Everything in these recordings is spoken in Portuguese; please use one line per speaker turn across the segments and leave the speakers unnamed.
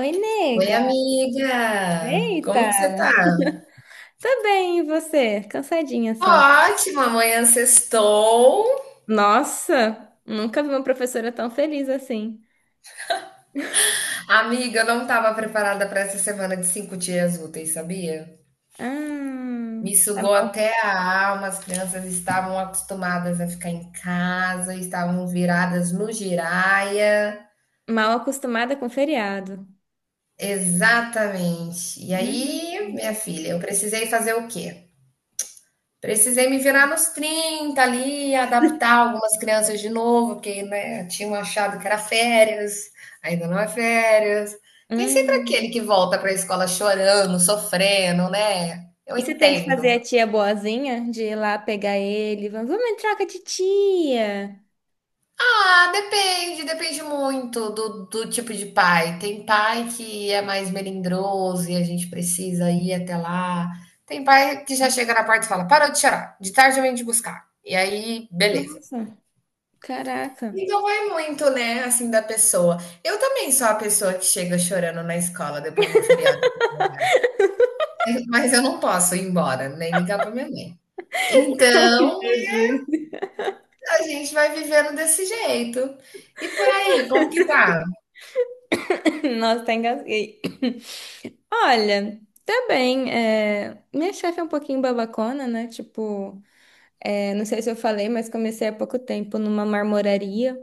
Oi,
Oi,
nega.
amiga!
Eita!
Como que você tá?
Tô bem, e você? Cansadinha
Tô
só.
ótima, amanhã sextou.
Nossa, nunca vi uma professora tão feliz assim.
Amiga, eu não tava preparada para essa semana de 5 dias úteis, sabia?
Ah,
Me
tá
sugou
mal,
até a alma, as crianças estavam acostumadas a ficar em casa, estavam viradas no giraia.
mal acostumada com feriado.
Exatamente. E
Hum.
aí, minha filha, eu precisei fazer o quê? Precisei me virar nos 30 ali, adaptar algumas crianças de novo, porque, né, tinham achado que era férias, ainda não é férias. Tem sempre aquele
Hum.
que volta para a escola chorando, sofrendo, né? Eu
E você tem que fazer
entendo.
a tia boazinha de ir lá pegar ele. Vamos em troca de tia.
Ah, depende, depende muito do tipo de pai. Tem pai que é mais melindroso e a gente precisa ir até lá. Tem pai que já chega na porta e fala: parou de chorar, de tarde eu venho te buscar. E aí, beleza.
Nossa, caraca.
Então vai muito, né, assim, da pessoa. Eu também sou a pessoa que chega chorando na escola depois de um feriado prolongado, mas eu não posso ir embora, nem ligar para minha mãe. Então,
Jesus.
a gente vai vivendo desse jeito. E por aí, como que tá?
Nossa, tá engasguei. Olha, tá bem. Minha chefe é um pouquinho babacona, né? Tipo, não sei se eu falei, mas comecei há pouco tempo numa marmoraria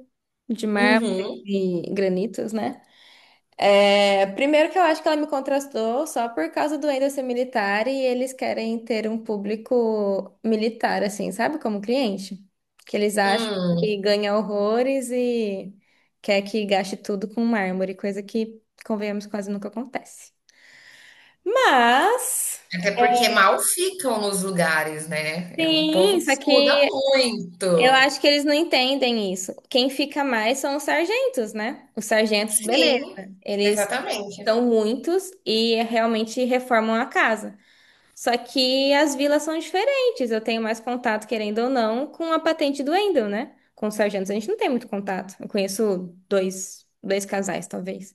de mármore
Uhum.
e granitos, né? Primeiro que eu acho que ela me contrastou só por causa do ainda ser militar e eles querem ter um público militar, assim, sabe? Como cliente. Que eles acham
Hum.
que ganha horrores e quer que gaste tudo com mármore, coisa que, convenhamos, quase nunca acontece. Mas.
Até porque mal ficam nos lugares, né? É um
Sim,
povo que
só
se muda
que eu
muito.
acho que eles não entendem isso. Quem fica mais são os sargentos, né? Os sargentos,
Sim,
beleza. Eles
exatamente.
são muitos e realmente reformam a casa. Só que as vilas são diferentes. Eu tenho mais contato, querendo ou não, com a patente do Wendel, né? Com os sargentos a gente não tem muito contato. Eu conheço dois casais, talvez.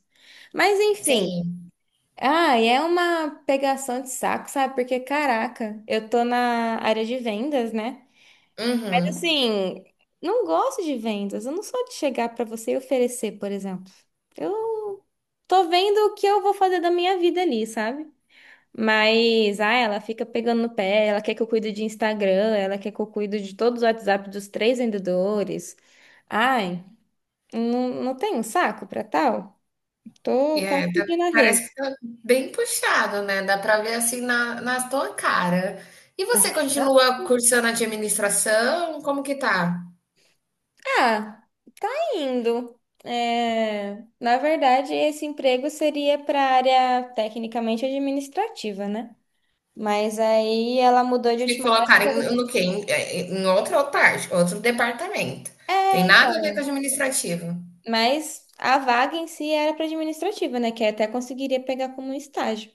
Mas enfim.
Sim.
Ah, e é uma pegação de saco, sabe? Porque, caraca, eu tô na área de vendas, né?
Uhum.
Assim, não gosto de vendas. Eu não sou de chegar pra você e oferecer, por exemplo. Eu tô vendo o que eu vou fazer da minha vida ali, sabe? Mas, ah, ela fica pegando no pé, ela quer que eu cuide de Instagram, ela quer que eu cuide de todos os WhatsApp dos três vendedores. Ai, não, não tenho saco pra tal. Tô quase
É, tá,
pedindo arrego.
parece que tá bem puxado, né, dá pra ver, assim, na tua cara. E você continua cursando administração, como que tá?
Ah, tá indo. É, na verdade, esse emprego seria para área tecnicamente administrativa, né? Mas aí ela mudou de
Te
última
colocarem
hora.
no quê? Em outra parte, outro departamento. Tem
É,
nada a ver com
então.
administrativo.
Mas a vaga em si era para administrativa, né? Que até conseguiria pegar como um estágio.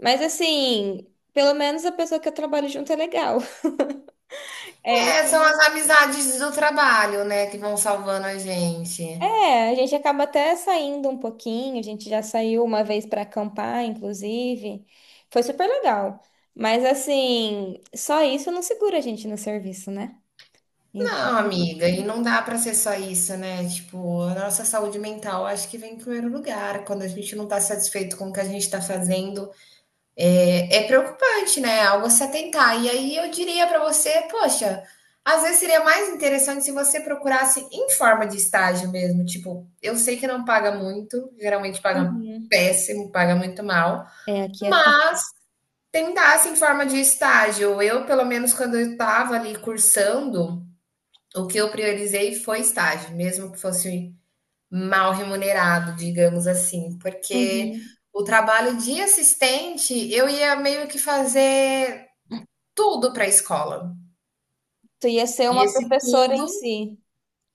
Mas assim, pelo menos a pessoa que eu trabalho junto é legal. É,
É, são as amizades do trabalho, né, que vão salvando a gente.
É. a gente acaba até saindo um pouquinho, a gente já saiu uma vez para acampar, inclusive. Foi super legal. Mas assim, só isso não segura a gente no serviço, né? Então.
Não, amiga, e não dá pra ser só isso, né, tipo, a nossa saúde mental acho que vem em primeiro lugar, quando a gente não tá satisfeito com o que a gente tá fazendo, é preocupante, né? Algo a se atentar. E aí eu diria para você, poxa, às vezes seria mais interessante se você procurasse em forma de estágio mesmo. Tipo, eu sei que não paga muito, geralmente paga
Uhum.
péssimo, paga muito mal,
Aqui é tempo.
mas tentasse em forma de estágio. Eu, pelo menos, quando eu estava ali cursando, o que eu priorizei foi estágio, mesmo que fosse mal remunerado, digamos assim, porque
Uhum.
o trabalho de assistente eu ia meio que fazer tudo para a escola.
Tu ia ser
E
uma
esse
professora em
tudo
si.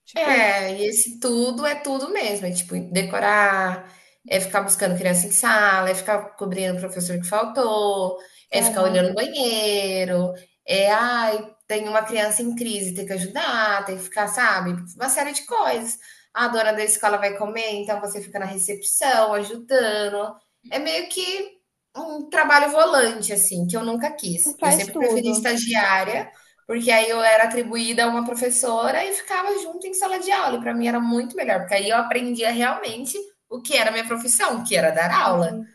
Tipo isso.
e esse tudo é tudo mesmo, é tipo decorar, é ficar buscando criança em sala, é ficar cobrindo o professor que faltou, é ficar
Caraca,
olhando o banheiro, é ai, tem uma criança em crise, tem que ajudar, tem que ficar, sabe, uma série de coisas. A dona da escola vai comer, então você fica na recepção ajudando. É meio que um trabalho volante assim, que eu nunca quis. Eu
faz
sempre preferi
tudo.
estagiária porque aí eu era atribuída a uma professora e ficava junto em sala de aula. E para mim era muito melhor, porque aí eu aprendia realmente o que era a minha profissão, que era dar aula.
Entendi.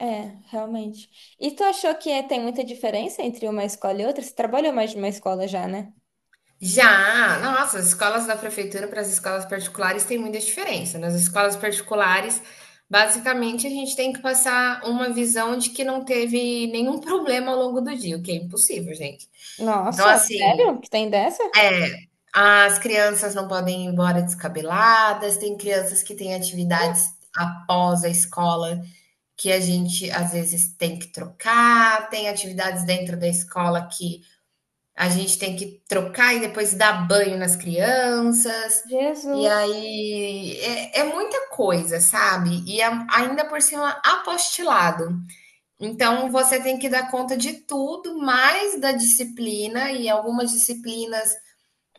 É, realmente. E tu achou que tem muita diferença entre uma escola e outra? Você trabalhou mais de uma escola já, né?
Já, nossa, as escolas da prefeitura para as escolas particulares tem muita diferença, né? Nas escolas particulares, basicamente, a gente tem que passar uma visão de que não teve nenhum problema ao longo do dia, o que é impossível, gente. Então,
Nossa,
assim,
sério? Que tem dessa?
É, as crianças não podem ir embora descabeladas, tem crianças que têm atividades após a escola que a gente às vezes tem que trocar, tem atividades dentro da escola que a gente tem que trocar e depois dar banho nas crianças. E
Jesus.
aí é muita coisa, sabe? E ainda por cima apostilado. Então você tem que dar conta de tudo, mais da disciplina, e algumas disciplinas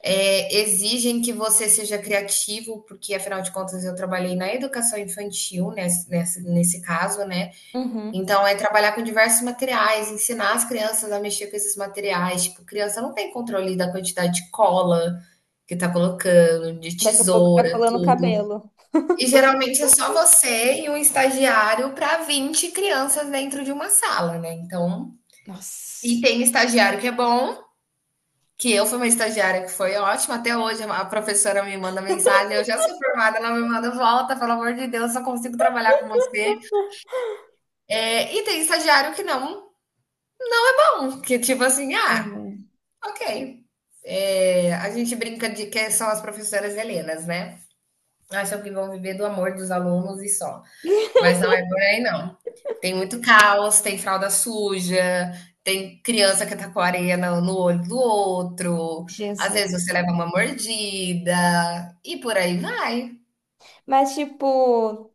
exigem que você seja criativo, porque afinal de contas eu trabalhei na educação infantil nesse caso, né?
Uhum.
Então é trabalhar com diversos materiais, ensinar as crianças a mexer com esses materiais. Tipo, criança não tem controle da quantidade de cola que tá colocando, de
Daqui a pouco tá
tesoura,
colando o
tudo.
cabelo.
E geralmente é só você e um estagiário para 20 crianças dentro de uma sala, né? Então, e
Nossa.
tem estagiário que é bom, que eu fui uma estagiária que foi ótima, até hoje a professora me manda mensagem, eu já sou formada, ela me manda volta, pelo amor de Deus, só consigo trabalhar com você. É, e tem estagiário que não, um pão, que tipo assim, ah,
É.
ok. É, a gente brinca de que são as professoras helenas, né? Acham que vão viver do amor dos alunos e só. Mas não é por aí não. Tem muito caos, tem fralda suja, tem criança que tá com a areia no olho do outro, às
Jesus.
vezes você leva uma mordida, e por aí vai.
Mas, tipo,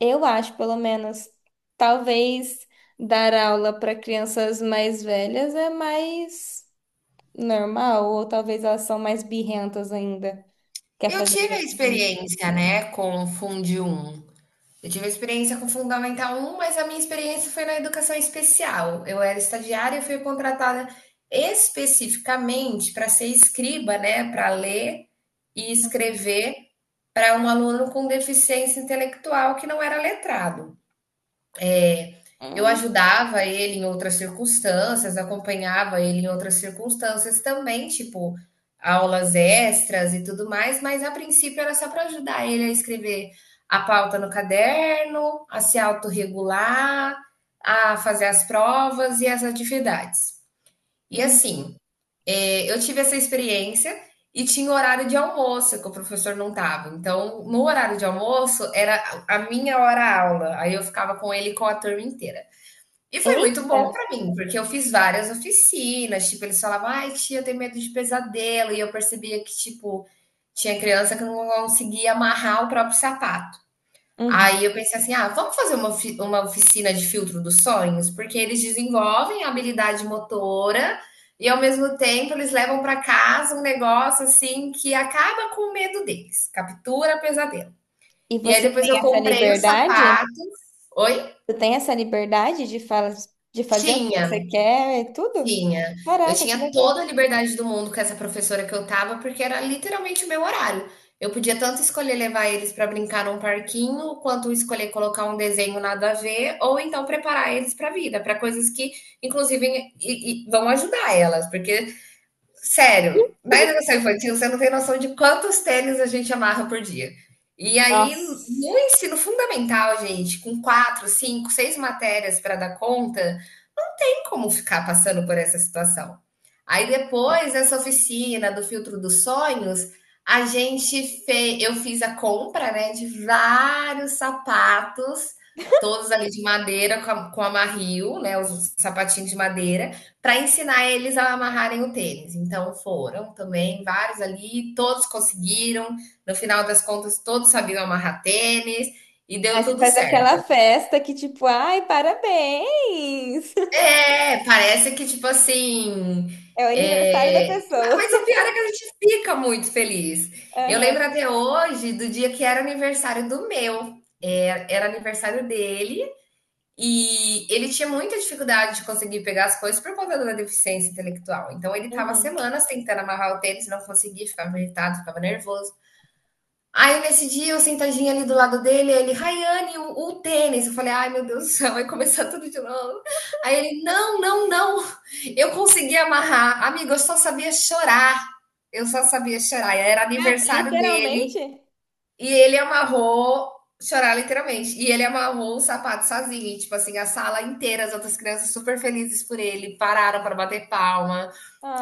eu acho, pelo menos, talvez dar aula para crianças mais velhas é mais normal, ou talvez elas são mais birrentas ainda. Quer
Eu
fazer?
tive a
Dever.
experiência, né, com fun de Eu tive experiência com Fundamental Um, mas a minha experiência foi na educação especial. Eu era estagiária e fui contratada especificamente para ser escriba, né, para ler e escrever para um aluno com deficiência intelectual que não era letrado. Eu
Hum,
ajudava ele em outras circunstâncias, acompanhava ele em outras circunstâncias também, tipo aulas extras e tudo mais, mas a princípio era só para ajudar ele a escrever a pauta no caderno, a se autorregular, a fazer as provas e as atividades. E
entendi.
assim, eu tive essa experiência e tinha horário de almoço que o professor não tava. Então, no horário de almoço era a minha hora aula. Aí eu ficava com ele e com a turma inteira. E foi muito
Eita!
bom pra mim, porque eu fiz várias oficinas, tipo, eles falavam: "Ai, tia, eu tenho medo de pesadelo", e eu percebia que, tipo, tinha criança que não conseguia amarrar o próprio sapato.
Uhum.
Aí eu pensei assim: "Ah, vamos fazer uma oficina de filtro dos sonhos?", porque eles desenvolvem a habilidade motora e, ao mesmo tempo, eles levam para casa um negócio, assim, que acaba com o medo deles, captura pesadelo.
E
E aí
você tem
depois eu
essa
comprei os
liberdade?
sapatos. Oi?
Tu tem essa liberdade de fala, de fazer o que
Tinha.
você quer e tudo?
Tinha. Eu
Caraca, que
tinha toda
legal.
a liberdade do mundo com essa professora que eu estava, porque era literalmente o meu horário. Eu podia tanto escolher levar eles para brincar num parquinho, quanto escolher colocar um desenho nada a ver, ou então preparar eles para a vida, para coisas que, inclusive, e vão ajudar elas, porque sério, na educação infantil você não tem noção de quantos tênis a gente amarra por dia. E aí, no
Nossa.
ensino fundamental, gente, com quatro, cinco, seis matérias para dar conta, não tem como ficar passando por essa situação. Aí depois essa oficina do filtro dos sonhos, a gente fez, eu fiz a compra, né, de vários sapatos, todos ali de madeira com a marril, né, os sapatinhos de madeira para ensinar eles a amarrarem o tênis. Então foram também vários ali, todos conseguiram. No final das contas, todos sabiam amarrar tênis e deu
Aí você
tudo
faz aquela
certo.
festa que, tipo, ai, parabéns!
É, parece que tipo assim.
É o aniversário da
é,
pessoa.
Mas o pior é que a gente fica muito feliz. Eu
Aham.
lembro até hoje do dia que era aniversário do meu. Era aniversário dele. E ele tinha muita dificuldade de conseguir pegar as coisas por conta da deficiência intelectual. Então ele estava
Uhum.
semanas tentando amarrar o tênis, não conseguia, ficava irritado, ficava nervoso. Aí nesse dia eu sentadinha ali do lado dele, ele, Rayane, o tênis. Eu falei, ai meu Deus do céu, vai começar tudo de novo. Aí ele, não, não, não, eu consegui amarrar. Amigo, eu só sabia chorar. Eu só sabia chorar. Era
Ah,
aniversário dele.
literalmente?
E ele amarrou, chorar literalmente, e ele amarrou o sapato sozinho, e, tipo assim, a sala inteira, as outras crianças super felizes por ele, pararam para bater palma,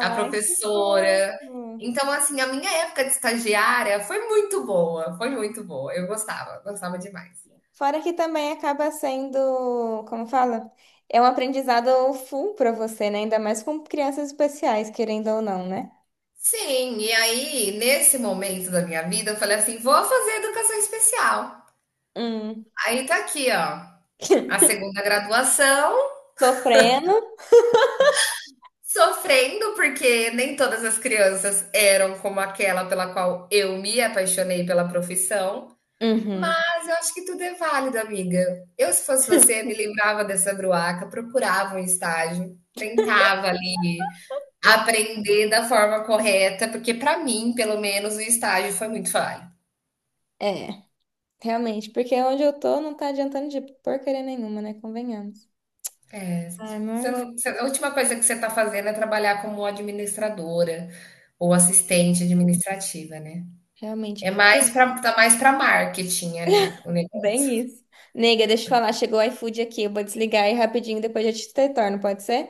a
que
professora.
fofo.
Então, assim, a minha época de estagiária foi muito boa, foi muito boa. Eu gostava, gostava demais.
Fora que também acaba sendo, como fala? É um aprendizado full pra você, né? Ainda mais com crianças especiais, querendo ou não, né?
Sim, e aí, nesse momento da minha vida, eu falei assim: vou fazer educação especial.
Hum.
Aí tá aqui, ó, a segunda graduação.
Sofrendo.
Sofrendo, porque nem todas as crianças eram como aquela pela qual eu me apaixonei pela profissão,
Uhum.
mas eu acho que tudo é válido, amiga. Eu, se fosse você, me lembrava dessa bruaca, procurava um estágio, tentava ali aprender da forma correta, porque para mim, pelo menos, o estágio foi muito falho.
É, realmente, porque onde eu tô não tá adiantando de porcaria nenhuma, né? Convenhamos.
É,
Ai,
você
mas.
não- você- a última coisa que você está fazendo é trabalhar como administradora ou assistente administrativa, né?
Realmente.
É mais
Tem.
pra tá, mais para marketing ali o negócio.
Bem isso. Nega, deixa eu falar, chegou o iFood aqui, eu vou desligar aí rapidinho, depois eu te retorno, pode ser?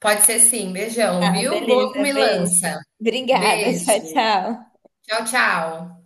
Pode ser sim. Beijão,
Tá,
viu? Boa
beleza, beijo.
comilança.
Obrigada, tchau,
Beijo.
tchau.
Tchau, tchau.